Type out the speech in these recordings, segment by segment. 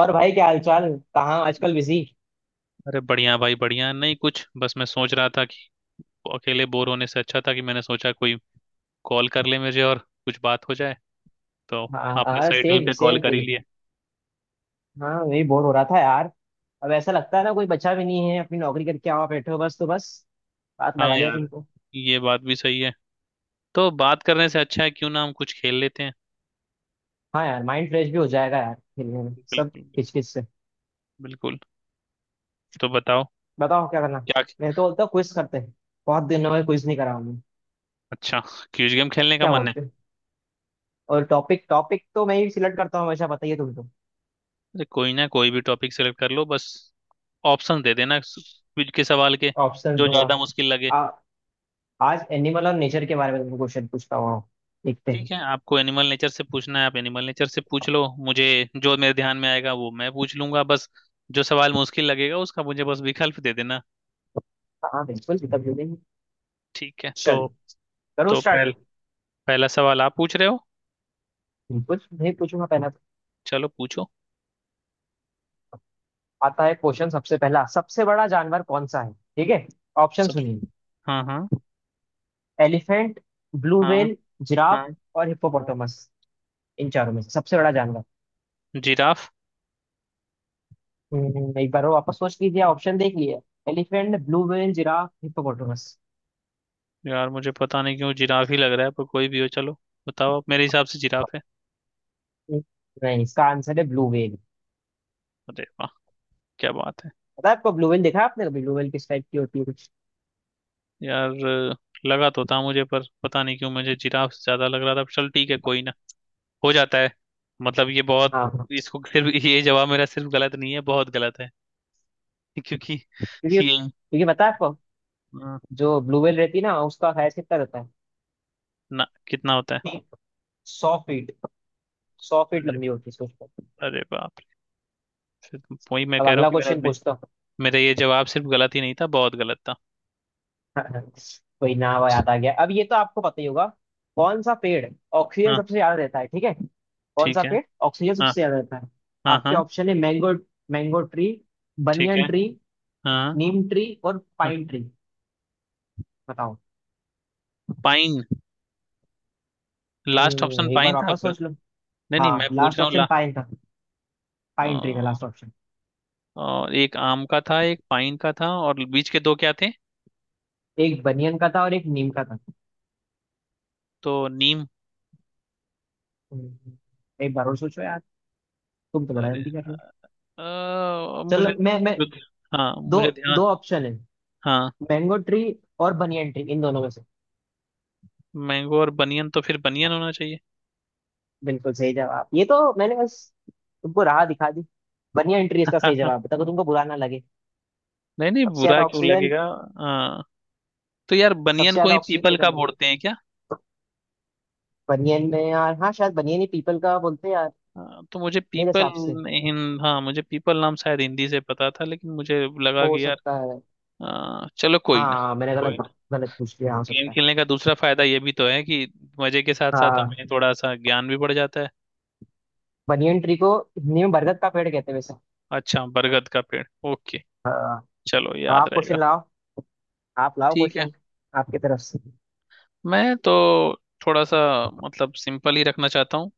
और भाई, क्या हालचाल? कहाँ आजकल बिजी? अरे बढ़िया भाई बढ़िया। नहीं कुछ बस मैं सोच रहा था कि अकेले बोर होने से अच्छा था कि मैंने सोचा कोई कॉल कर ले मुझे और कुछ बात हो जाए तो। हाँ आपने हाँ, सही टाइम सेम पे कॉल सेम कर ही फीलिंग। लिया। हाँ, वही बोर हो रहा था यार। अब ऐसा लगता है ना, कोई बच्चा भी नहीं है, अपनी नौकरी करके आओ बैठे हो, बस, तो बस बात हाँ लगा लिया यार। तुमको। ये बात भी सही है। तो बात करने से अच्छा है क्यों ना हम कुछ खेल लेते हैं। हाँ यार, माइंड फ्रेश भी हो जाएगा यार, खेलने में बिल्कुल सब बिल्कुल। किचकिच से। बिल्कुल। तो बताओ। बताओ क्या करना। क्या? मैं तो बोलता हूँ क्विज करते हैं। बहुत दिन हो गए, क्विज नहीं करा हमने। अच्छा। क्विज गेम खेलने का क्या मन है। बोलते हो? और टॉपिक टॉपिक तो मैं ही सिलेक्ट करता हूँ हमेशा, बताइए तुमको। अरे कोई ना। कोई भी टॉपिक सेलेक्ट कर लो बस। ऑप्शन दे देना क्विज के सवाल के। ऑप्शन जो दूंगा। ज्यादा मुश्किल लगे। आ, आज एनिमल और नेचर के बारे में तुमको क्वेश्चन पूछता हूँ। देखते हैं। ठीक है आपको एनिमल नेचर से पूछना है, आप एनिमल नेचर से पूछ लो मुझे। जो मेरे ध्यान में आएगा वो मैं पूछ लूंगा बस। जो सवाल मुश्किल लगेगा उसका मुझे बस विकल्प दे देना। हाँ बिल्कुल, तब बिल्कुल। ठीक है तो चलो करो तो स्टार्ट। पहल, पहला सवाल आप पूछ रहे हो। कुछ नहीं, पूछूंगा पहला तो। चलो पूछो। आता है क्वेश्चन सबसे पहला। सबसे बड़ा जानवर कौन सा है, ठीक है? ऑप्शन सब। सुनिए। हाँ हाँ। एलिफेंट, ब्लू हाँ व्हेल, जिराफ हाँ। और हिप्पोपोटामस। इन चारों में से सबसे बड़ा जानवर? जिराफ। एक बार और वापस सोच लीजिए, ऑप्शन देख लिए। Elephant, blue whale, giraffe, hippopotamus. यार मुझे पता नहीं क्यों जिराफ ही लग रहा है पर कोई भी हो चलो। बताओ आप, मेरे हिसाब से जिराफ है। नहीं, इसका आंसर है ब्लू व्हेल। अरे वाह। क्या बात है। पता है आपको? ब्लू व्हेल देखा है आपने कभी? ब्लू व्हेल किस टाइप की होती है, कुछ? यार लगा तो था मुझे पर पता नहीं क्यों मुझे जिराफ से ज्यादा लग रहा था। चल ठीक है। कोई ना। हो जाता है। मतलब ये बहुत। हाँ हाँ। इसको सिर्फ, ये जवाब मेरा सिर्फ गलत नहीं है बहुत गलत है। क्योंकि क्योंकि ये क्योंकि पता है आपको, अ, जो ब्लू व्हेल रहती है ना, उसका हाइट कितना रहता है? ना कितना होता है। 100 फीट। 100 फीट अरे। लंबी होती है, सोचो। अरे बाप रे। फिर वही मैं अब कह रहा हूँ अगला कि क्वेश्चन पूछता हूँ। मेरा ये जवाब सिर्फ गलत ही नहीं था बहुत गलत था। कोई ना, वो याद आ गया। अब ये तो आपको पता ही होगा। कौन सा पेड़ ऑक्सीजन हाँ। सबसे ज्यादा देता है, ठीक है? कौन सा ठीक है। पेड़ ऑक्सीजन हाँ सबसे ज्यादा देता है? हाँ। आपके हाँ। ऑप्शन है मैंगो मैंगो ट्री, ठीक है। बनियन ट्री, हाँ हाँ। नीम ट्री और हाँ। Pine tree. बताओ। पाइन। लास्ट ऑप्शन एक बार पाइन था वापस आपका। सोच लो। नहीं नहीं हाँ, मैं पूछ लास्ट रहा हूँ ऑप्शन ला। पाइन था। अ, पाइन ट्री था लास्ट ऑप्शन। एक आम का था एक पाइन का था और बीच के दो क्या थे। एक बनियन का था और एक नीम का था। तो नीम। हम्म, एक बार और सोचो यार। तुम तो बड़ा अरे जल्दी कर रहे हो। यार, चलो, मुझे। मैं हाँ दो मुझे ध्यान। दो ऑप्शन है। हाँ। मैंगो ट्री और बनियन ट्री, इन दोनों में से। मैंगो और बनियन, तो फिर बनियन होना चाहिए। बिल्कुल सही जवाब, ये तो मैंने बस तुमको राह दिखा दी। बनियन ट्री इसका सही जवाब है, ताकि तुमको बुरा ना लगे। नहीं नहीं सबसे बुरा ज्यादा क्यों ऑक्सीजन। लगेगा। हाँ। तो यार सबसे बनियन को ज्यादा ही ऑक्सीजन पीपल तो का बनियन। बोलते हैं क्या? बनियन में यार, हाँ शायद बनियन ही पीपल का बोलते हैं यार। हाँ, तो मुझे मेरे पीपल, हिसाब से। हिंद, हाँ मुझे पीपल नाम शायद हिंदी से पता था लेकिन मुझे लगा हो कि यार। सकता है। हाँ, चलो कोई ना। हाँ मैंने गलत कोई ना। गलत पूछ लिया, हो गेम सकता है। खेलने का दूसरा फायदा ये भी तो है कि मजे के साथ साथ हमें हाँ। थोड़ा सा ज्ञान भी बढ़ जाता है। बनियन ट्री को हिंदी में बरगद का पेड़ कहते हैं वैसे। अच्छा बरगद का पेड़, ओके। हाँ। चलो अब याद आप क्वेश्चन रहेगा। लाओ। आप लाओ ठीक है। क्वेश्चन। आपकी तरफ से। मैं तो थोड़ा सा, मतलब सिंपल ही रखना चाहता हूँ।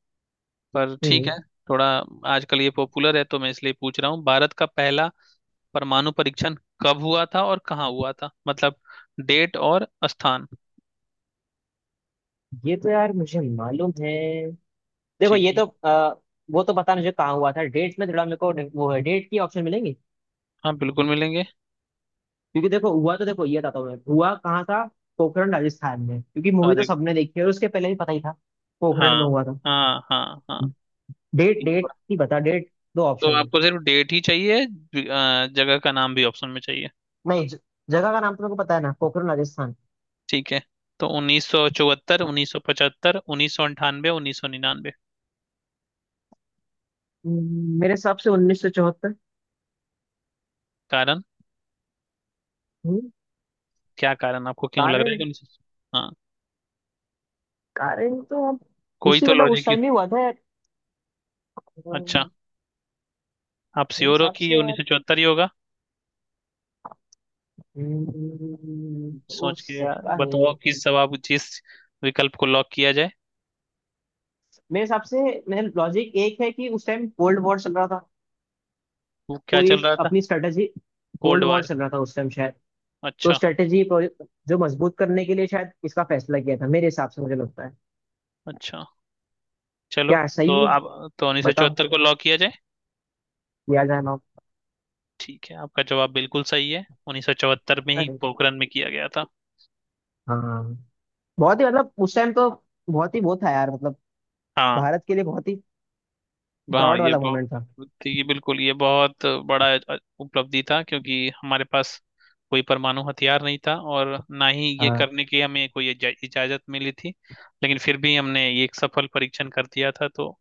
पर ठीक है। हम्म। थोड़ा, आजकल ये पॉपुलर है तो मैं इसलिए पूछ रहा हूँ। भारत का पहला परमाणु परीक्षण कब हुआ था और कहाँ हुआ था, मतलब डेट और स्थान। ये तो यार मुझे मालूम है। देखो ठीक ये है। तो वो तो पता नहीं मुझे कहाँ हुआ था, डेट्स में थोड़ा मेरे को। वो है, डेट की ऑप्शन मिलेंगी? हाँ बिल्कुल मिलेंगे। क्योंकि देखो हुआ तो, देखो ये बताता हूँ मैं, हुआ कहाँ था। पोखरण राजस्थान में, क्योंकि मूवी तो अरे। सबने देखी है और उसके पहले भी पता ही था। पोखरण में हाँ हुआ था। हाँ हाँ। हाँ। डेट, तीन डेट बार। ही बता, डेट। दो तो ऑप्शन में। आपको सिर्फ डेट ही चाहिए जगह का नाम भी ऑप्शन में चाहिए? नहीं, जगह का नाम तो मेरे को पता है ना, पोखरण राजस्थान। ठीक है तो 1974, 1975, 1998, 1999। मेरे हिसाब से 1974। कारण? क्या कारण, आपको क्यों लग रहा है कि कारण। 1900? कारण तो अब, कोई उसी तो मतलब लॉजिक। उस टाइम ही हुआ था यार। अच्छा। अम, आप मेरे श्योर हो हिसाब कि से ये उन्नीस यार। सौ चौहत्तर ही होगा? हम्म, हो सोच के यार, सकता है। बताओ किस जवाब, जिस विकल्प को लॉक किया जाए। मेरे हिसाब से। मेरा लॉजिक एक है कि उस टाइम कोल्ड वॉर चल रहा था। वो क्या तो ये चल रहा था? अपनी strategy, cold cold war war? चल रहा था उस टाइम शायद। तो अच्छा। स्ट्रेटेजी, जो मजबूत करने के लिए शायद इसका फैसला किया था, मेरे हिसाब से मुझे लगता है। अच्छा। चलो। क्या, तो सही है? आप, तो उन्नीस सौ बताओ, चौहत्तर को लॉक किया जाए? या जाना। ठीक है, आपका जवाब बिल्कुल सही है, 1974 में ही अरे, पोखरण में किया गया था। हाँ। बहुत ही मतलब, उस टाइम तो बहुत ही वो था यार, मतलब हाँ। भारत के लिए बहुत ही हाँ प्राउड ये वाला बहुत, मोमेंट था। ये बिल्कुल, ये बहुत बड़ा उपलब्धि था क्योंकि हमारे पास कोई परमाणु हथियार नहीं था और ना ही ये हाँ। करने की हमें कोई इजाजत मिली थी। लेकिन फिर भी हमने ये एक सफल परीक्षण कर दिया था। तो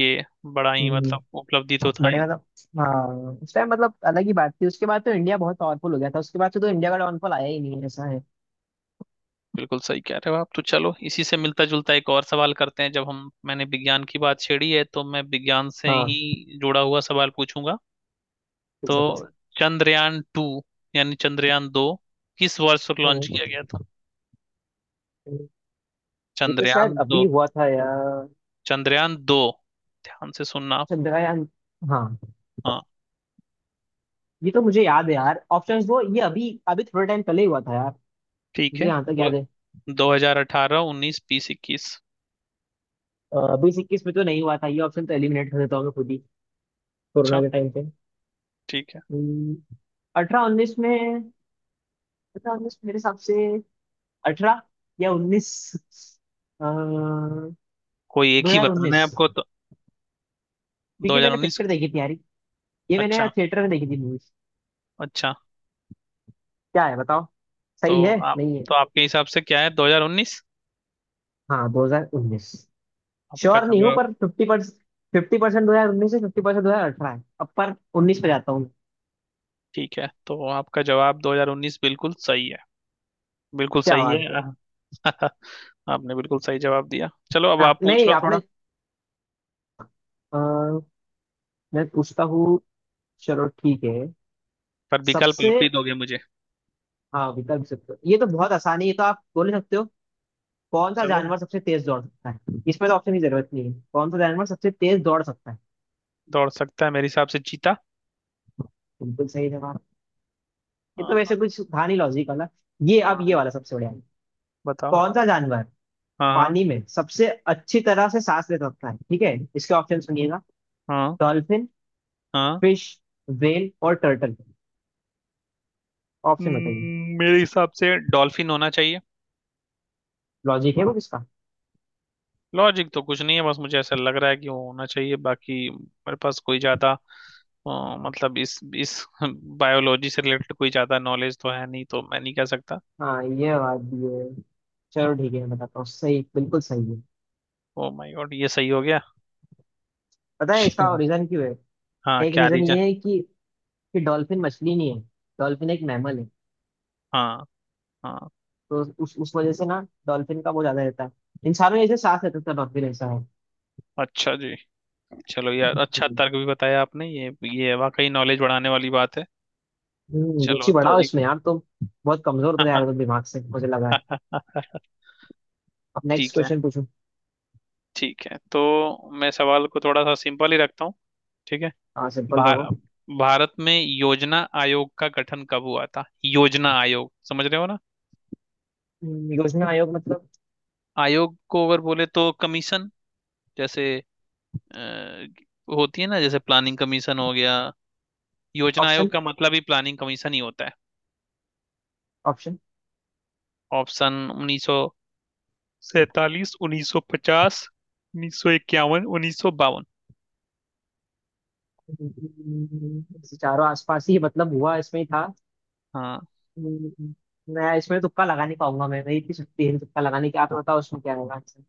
ये बड़ा ही हम्म, मतलब उपलब्धि तो था बड़े ही। मतलब, हाँ उस टाइम मतलब अलग ही बात थी। उसके बाद तो इंडिया बहुत पावरफुल हो गया था, उसके बाद से तो इंडिया का डाउनफॉल आया ही नहीं है, ऐसा है। बिल्कुल सही कह रहे हो आप। तो चलो इसी से मिलता जुलता एक और सवाल करते हैं। जब हम, मैंने विज्ञान की बात छेड़ी है तो मैं विज्ञान से हाँ, ही जुड़ा हुआ सवाल पूछूंगा। तो पूछो। चंद्रयान टू यानी चंद्रयान दो किस वर्ष लॉन्च हम्म, किया गया था? हम्म। ये तो शायद चंद्रयान दो। अभी हुआ था यार। चंद्रयान दो, ध्यान से सुनना आप। चंद्रयान। हाँ। हाँ। ये तो मुझे याद है यार, ऑप्शंस दो, ये अभी अभी थोड़े टाइम पहले ही हुआ था यार। ठीक मुझे है। यहाँ तक याद है। 2018, उन्नीस, बीस, इक्कीस। 2021 में तो नहीं हुआ था, ये ऑप्शन तो एलिमिनेट कर देता हूँ मैं खुद ही। कोरोना अच्छा। के टाइम पे। ठीक है। हम्म, 18-19 में। 18-19 मेरे हिसाब से। अठारह या उन्नीस। कोई एक दो ही हजार बताना उन्नीस है आपको तो। दो क्योंकि हजार मैंने उन्नीस? पिक्चर देखी थी यार। ये मैंने अच्छा। थिएटर में देखी थी मूवी। अच्छा। क्या है, बताओ। तो सही है आप, नहीं है? तो आपके हिसाब से क्या है, 2019 हाँ 2019। आपका श्योर नहीं हूँ जवाब? पर 50%। 50% 2019 से, 50% 2018 है, अब पर उन्नीस पे जाता हूँ मैं। ठीक है तो आपका जवाब 2019 बिल्कुल सही है। बिल्कुल क्या सही है। बात है। आपने बिल्कुल सही जवाब दिया। चलो अब आप आप पूछ नहीं, लो आपने। थोड़ा। अ, मैं पूछता हूँ। चलो ठीक है। पर विकल्प सबसे, आप ही दोगे मुझे। हाँ विकल्प सकते हो, ये तो बहुत आसानी है, ये तो आप बोल ही सकते हो। कौन सा चलो। जानवर सबसे तेज दौड़ सकता है? इसमें तो ऑप्शन की जरूरत नहीं है, कौन सा जानवर सबसे तेज दौड़ सकता है? दौड़ सकता है, मेरे हिसाब से चीता। बिल्कुल सही जवाब। ये तो हाँ वैसे हाँ। कुछ था नहीं लॉजिक वाला। ये अब ये हाँ। वाला सबसे बढ़िया है। बताओ। कौन सा जानवर हाँ पानी में सबसे अच्छी तरह से सांस ले सकता है, ठीक है? इसके ऑप्शन सुनिएगा। हाँ। डॉल्फिन, हाँ। फिश, वेल और टर्टल। ऑप्शन बताइए। मेरे हिसाब से डॉल्फिन होना चाहिए। लॉजिक है वो किसका? लॉजिक तो कुछ नहीं है, बस मुझे ऐसा लग रहा है कि वो होना चाहिए। बाकी मेरे पास कोई ज्यादा, मतलब इस बायोलॉजी से रिलेटेड कोई ज्यादा नॉलेज तो है नहीं तो मैं नहीं कह सकता। हाँ, ये बात भी है। चलो ठीक है, मैं बताता हूँ सही, बिल्कुल सही है। ओ माय गॉड, ये सही हो गया। पता है इसका चलो। रीजन क्यों है? हाँ एक क्या रीजन रीजन? ये है कि डॉल्फिन मछली नहीं है। डॉल्फिन एक मैमल है। हाँ। हाँ। तो उस वजह से ना, डॉल्फिन का वो ज्यादा रहता है। इंसानों जैसे सांस रहता था डॉल्फिन, ऐसा है। अच्छा जी। चलो यार अच्छा तर्क भी बताया आपने। ये वाकई नॉलेज बढ़ाने वाली बात है। चलो रुचि तो बढ़ाओ एक, इसमें यार तुम। बहुत कमजोर तो यार हो तुम दिमाग से, मुझे लगा है। अब नेक्स्ट ठीक है। क्वेश्चन पूछो। ठीक है तो मैं सवाल को थोड़ा सा सिंपल ही रखता हूँ। ठीक है। हाँ, सिंपल भार, रहो। भारत में योजना आयोग का गठन कब हुआ था? योजना आयोग, समझ रहे हो ना? योजना आयोग मतलब? आयोग को अगर बोले तो कमीशन। जैसे, अ, होती है ना जैसे प्लानिंग कमीशन हो गया। योजना आयोग ऑप्शन, का मतलब ही प्लानिंग कमीशन ही होता है। ऑप्शन? ऑप्शन, 1947, 1950, 1951, 1952। चारों आसपास ही, मतलब हुआ इसमें ही था। हाँ, हम्म, मैं इसमें तुक्का लगा नहीं पाऊंगा, मैं, मेरी इतनी शक्ति है तुक्का लगाने की। आप बताओ उसमें क्या होगा आंसर।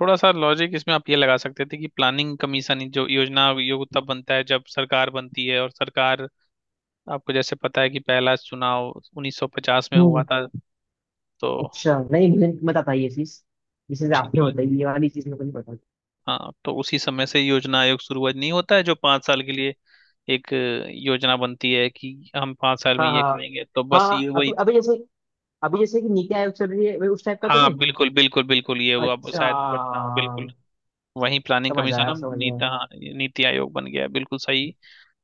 थोड़ा सा लॉजिक इसमें आप ये लगा सकते थे कि प्लानिंग कमीशन, जो योजना आयोग, तब बनता है जब सरकार बनती है, और सरकार, आपको जैसे पता है कि पहला चुनाव 1950 में हुआ हम्म। था। तो अच्छा नहीं, मुझे मत आता ये चीज, जिसे ठीक आपने है। बताई ये वाली चीज मुझे नहीं पता। हाँ तो उसी समय से योजना आयोग शुरू हुआ। नहीं होता है जो 5 साल के लिए एक योजना बनती है कि हम 5 साल में हाँ ये हाँ करेंगे, तो हाँ बस ये हाँ, वही अभी था। अभी जैसे, अभी जैसे कि नीति आयोग चल रही है, वही उस टाइप का तो हाँ नहीं? बिल्कुल बिल्कुल। बिल्कुल ये वो अब अच्छा। शायद बदना, बिल्कुल वही प्लानिंग समझ कमीशन आया, अब समझ आया। नीति, हाँ नीति आयोग बन गया है, बिल्कुल सही।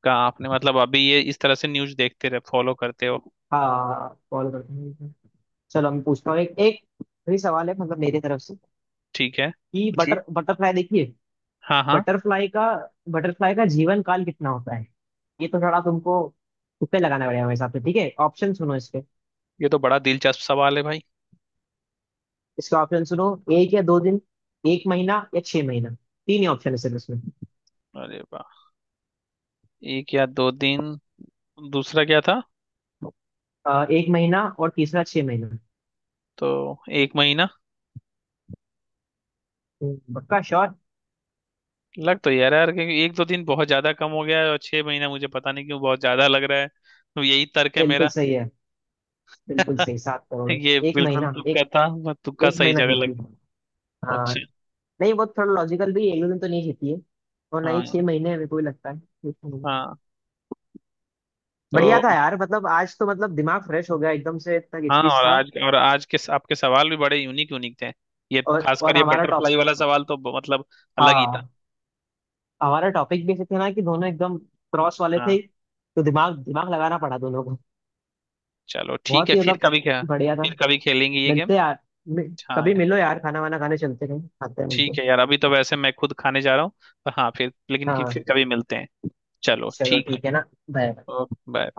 का आपने मतलब, अभी ये इस तरह से न्यूज़ देखते रहे, फॉलो करते हो। हाँ, फॉलो करते हैं। चलो मैं पूछता हूँ एक एक। फिर सवाल है मतलब मेरी तरफ से, ठीक है कि पूछिए। बटरफ्लाई देखिए। हाँ हाँ। बटरफ्लाई का, बटरफ्लाई का जीवन काल कितना होता है? ये तो थोड़ा तुमको तुक्के लगाना पड़ेगा मेरे हिसाब से, ठीक है? ऑप्शन सुनो इसके। ये तो बड़ा दिलचस्प सवाल है भाई। इसके ऑप्शन सुनो। एक या दो दिन, एक महीना या छह महीना। तीन ही ऑप्शन है सिर्फ इसमें। अरे वाह। एक या दो दिन। दूसरा क्या था? एक महीना और तीसरा छह महीना। तो एक महीना। पक्का श्योर? लग तो यार यार क्योंकि एक दो दिन बहुत ज्यादा कम हो गया है और छह महीना मुझे पता नहीं क्यों बहुत ज्यादा लग रहा है, तो यही तर्क है बिल्कुल मेरा। सही है। बिल्कुल सही, 7 करोड़ है। ये एक बिल्कुल महीना, तुक्का एक था। मैं तुक्का एक सही महीना जगह जीती लग। है। हाँ। अच्छा। नहीं, वो थोड़ा लॉजिकल भी है, एक दो दिन तो नहीं जीती है, और ना ही छह हाँ। महीने, मेरे को भी लगता है। हाँ। तो बढ़िया था यार, मतलब आज तो मतलब दिमाग फ्रेश हो गया एकदम से, इतना हाँ, किचकिच और था। आज, और आज के आपके सवाल भी बड़े यूनिक यूनिक थे। ये और खासकर और ये हमारा टॉप, बटरफ्लाई वाला सवाल तो मतलब अलग ही था। हाँ हमारा टॉपिक भी ऐसे थे ना कि दोनों एकदम क्रॉस वाले हाँ थे। तो दिमाग दिमाग लगाना पड़ा दोनों को। चलो ठीक बहुत है ही फिर मतलब कभी क्या, बढ़िया था। फिर कभी खेलेंगे ये गेम। मिलते यार। मि- हाँ कभी यार। मिलो यार, खाना वाना खाने चलते, कहीं खाते हैं, ठीक मिलते। है यार, अभी तो वैसे मैं खुद खाने जा रहा हूँ। पर हाँ फिर, लेकिन कि हाँ। फिर कभी मिलते हैं। चलो चलो ठीक है। ठीक है ना। बाय। Okay bye.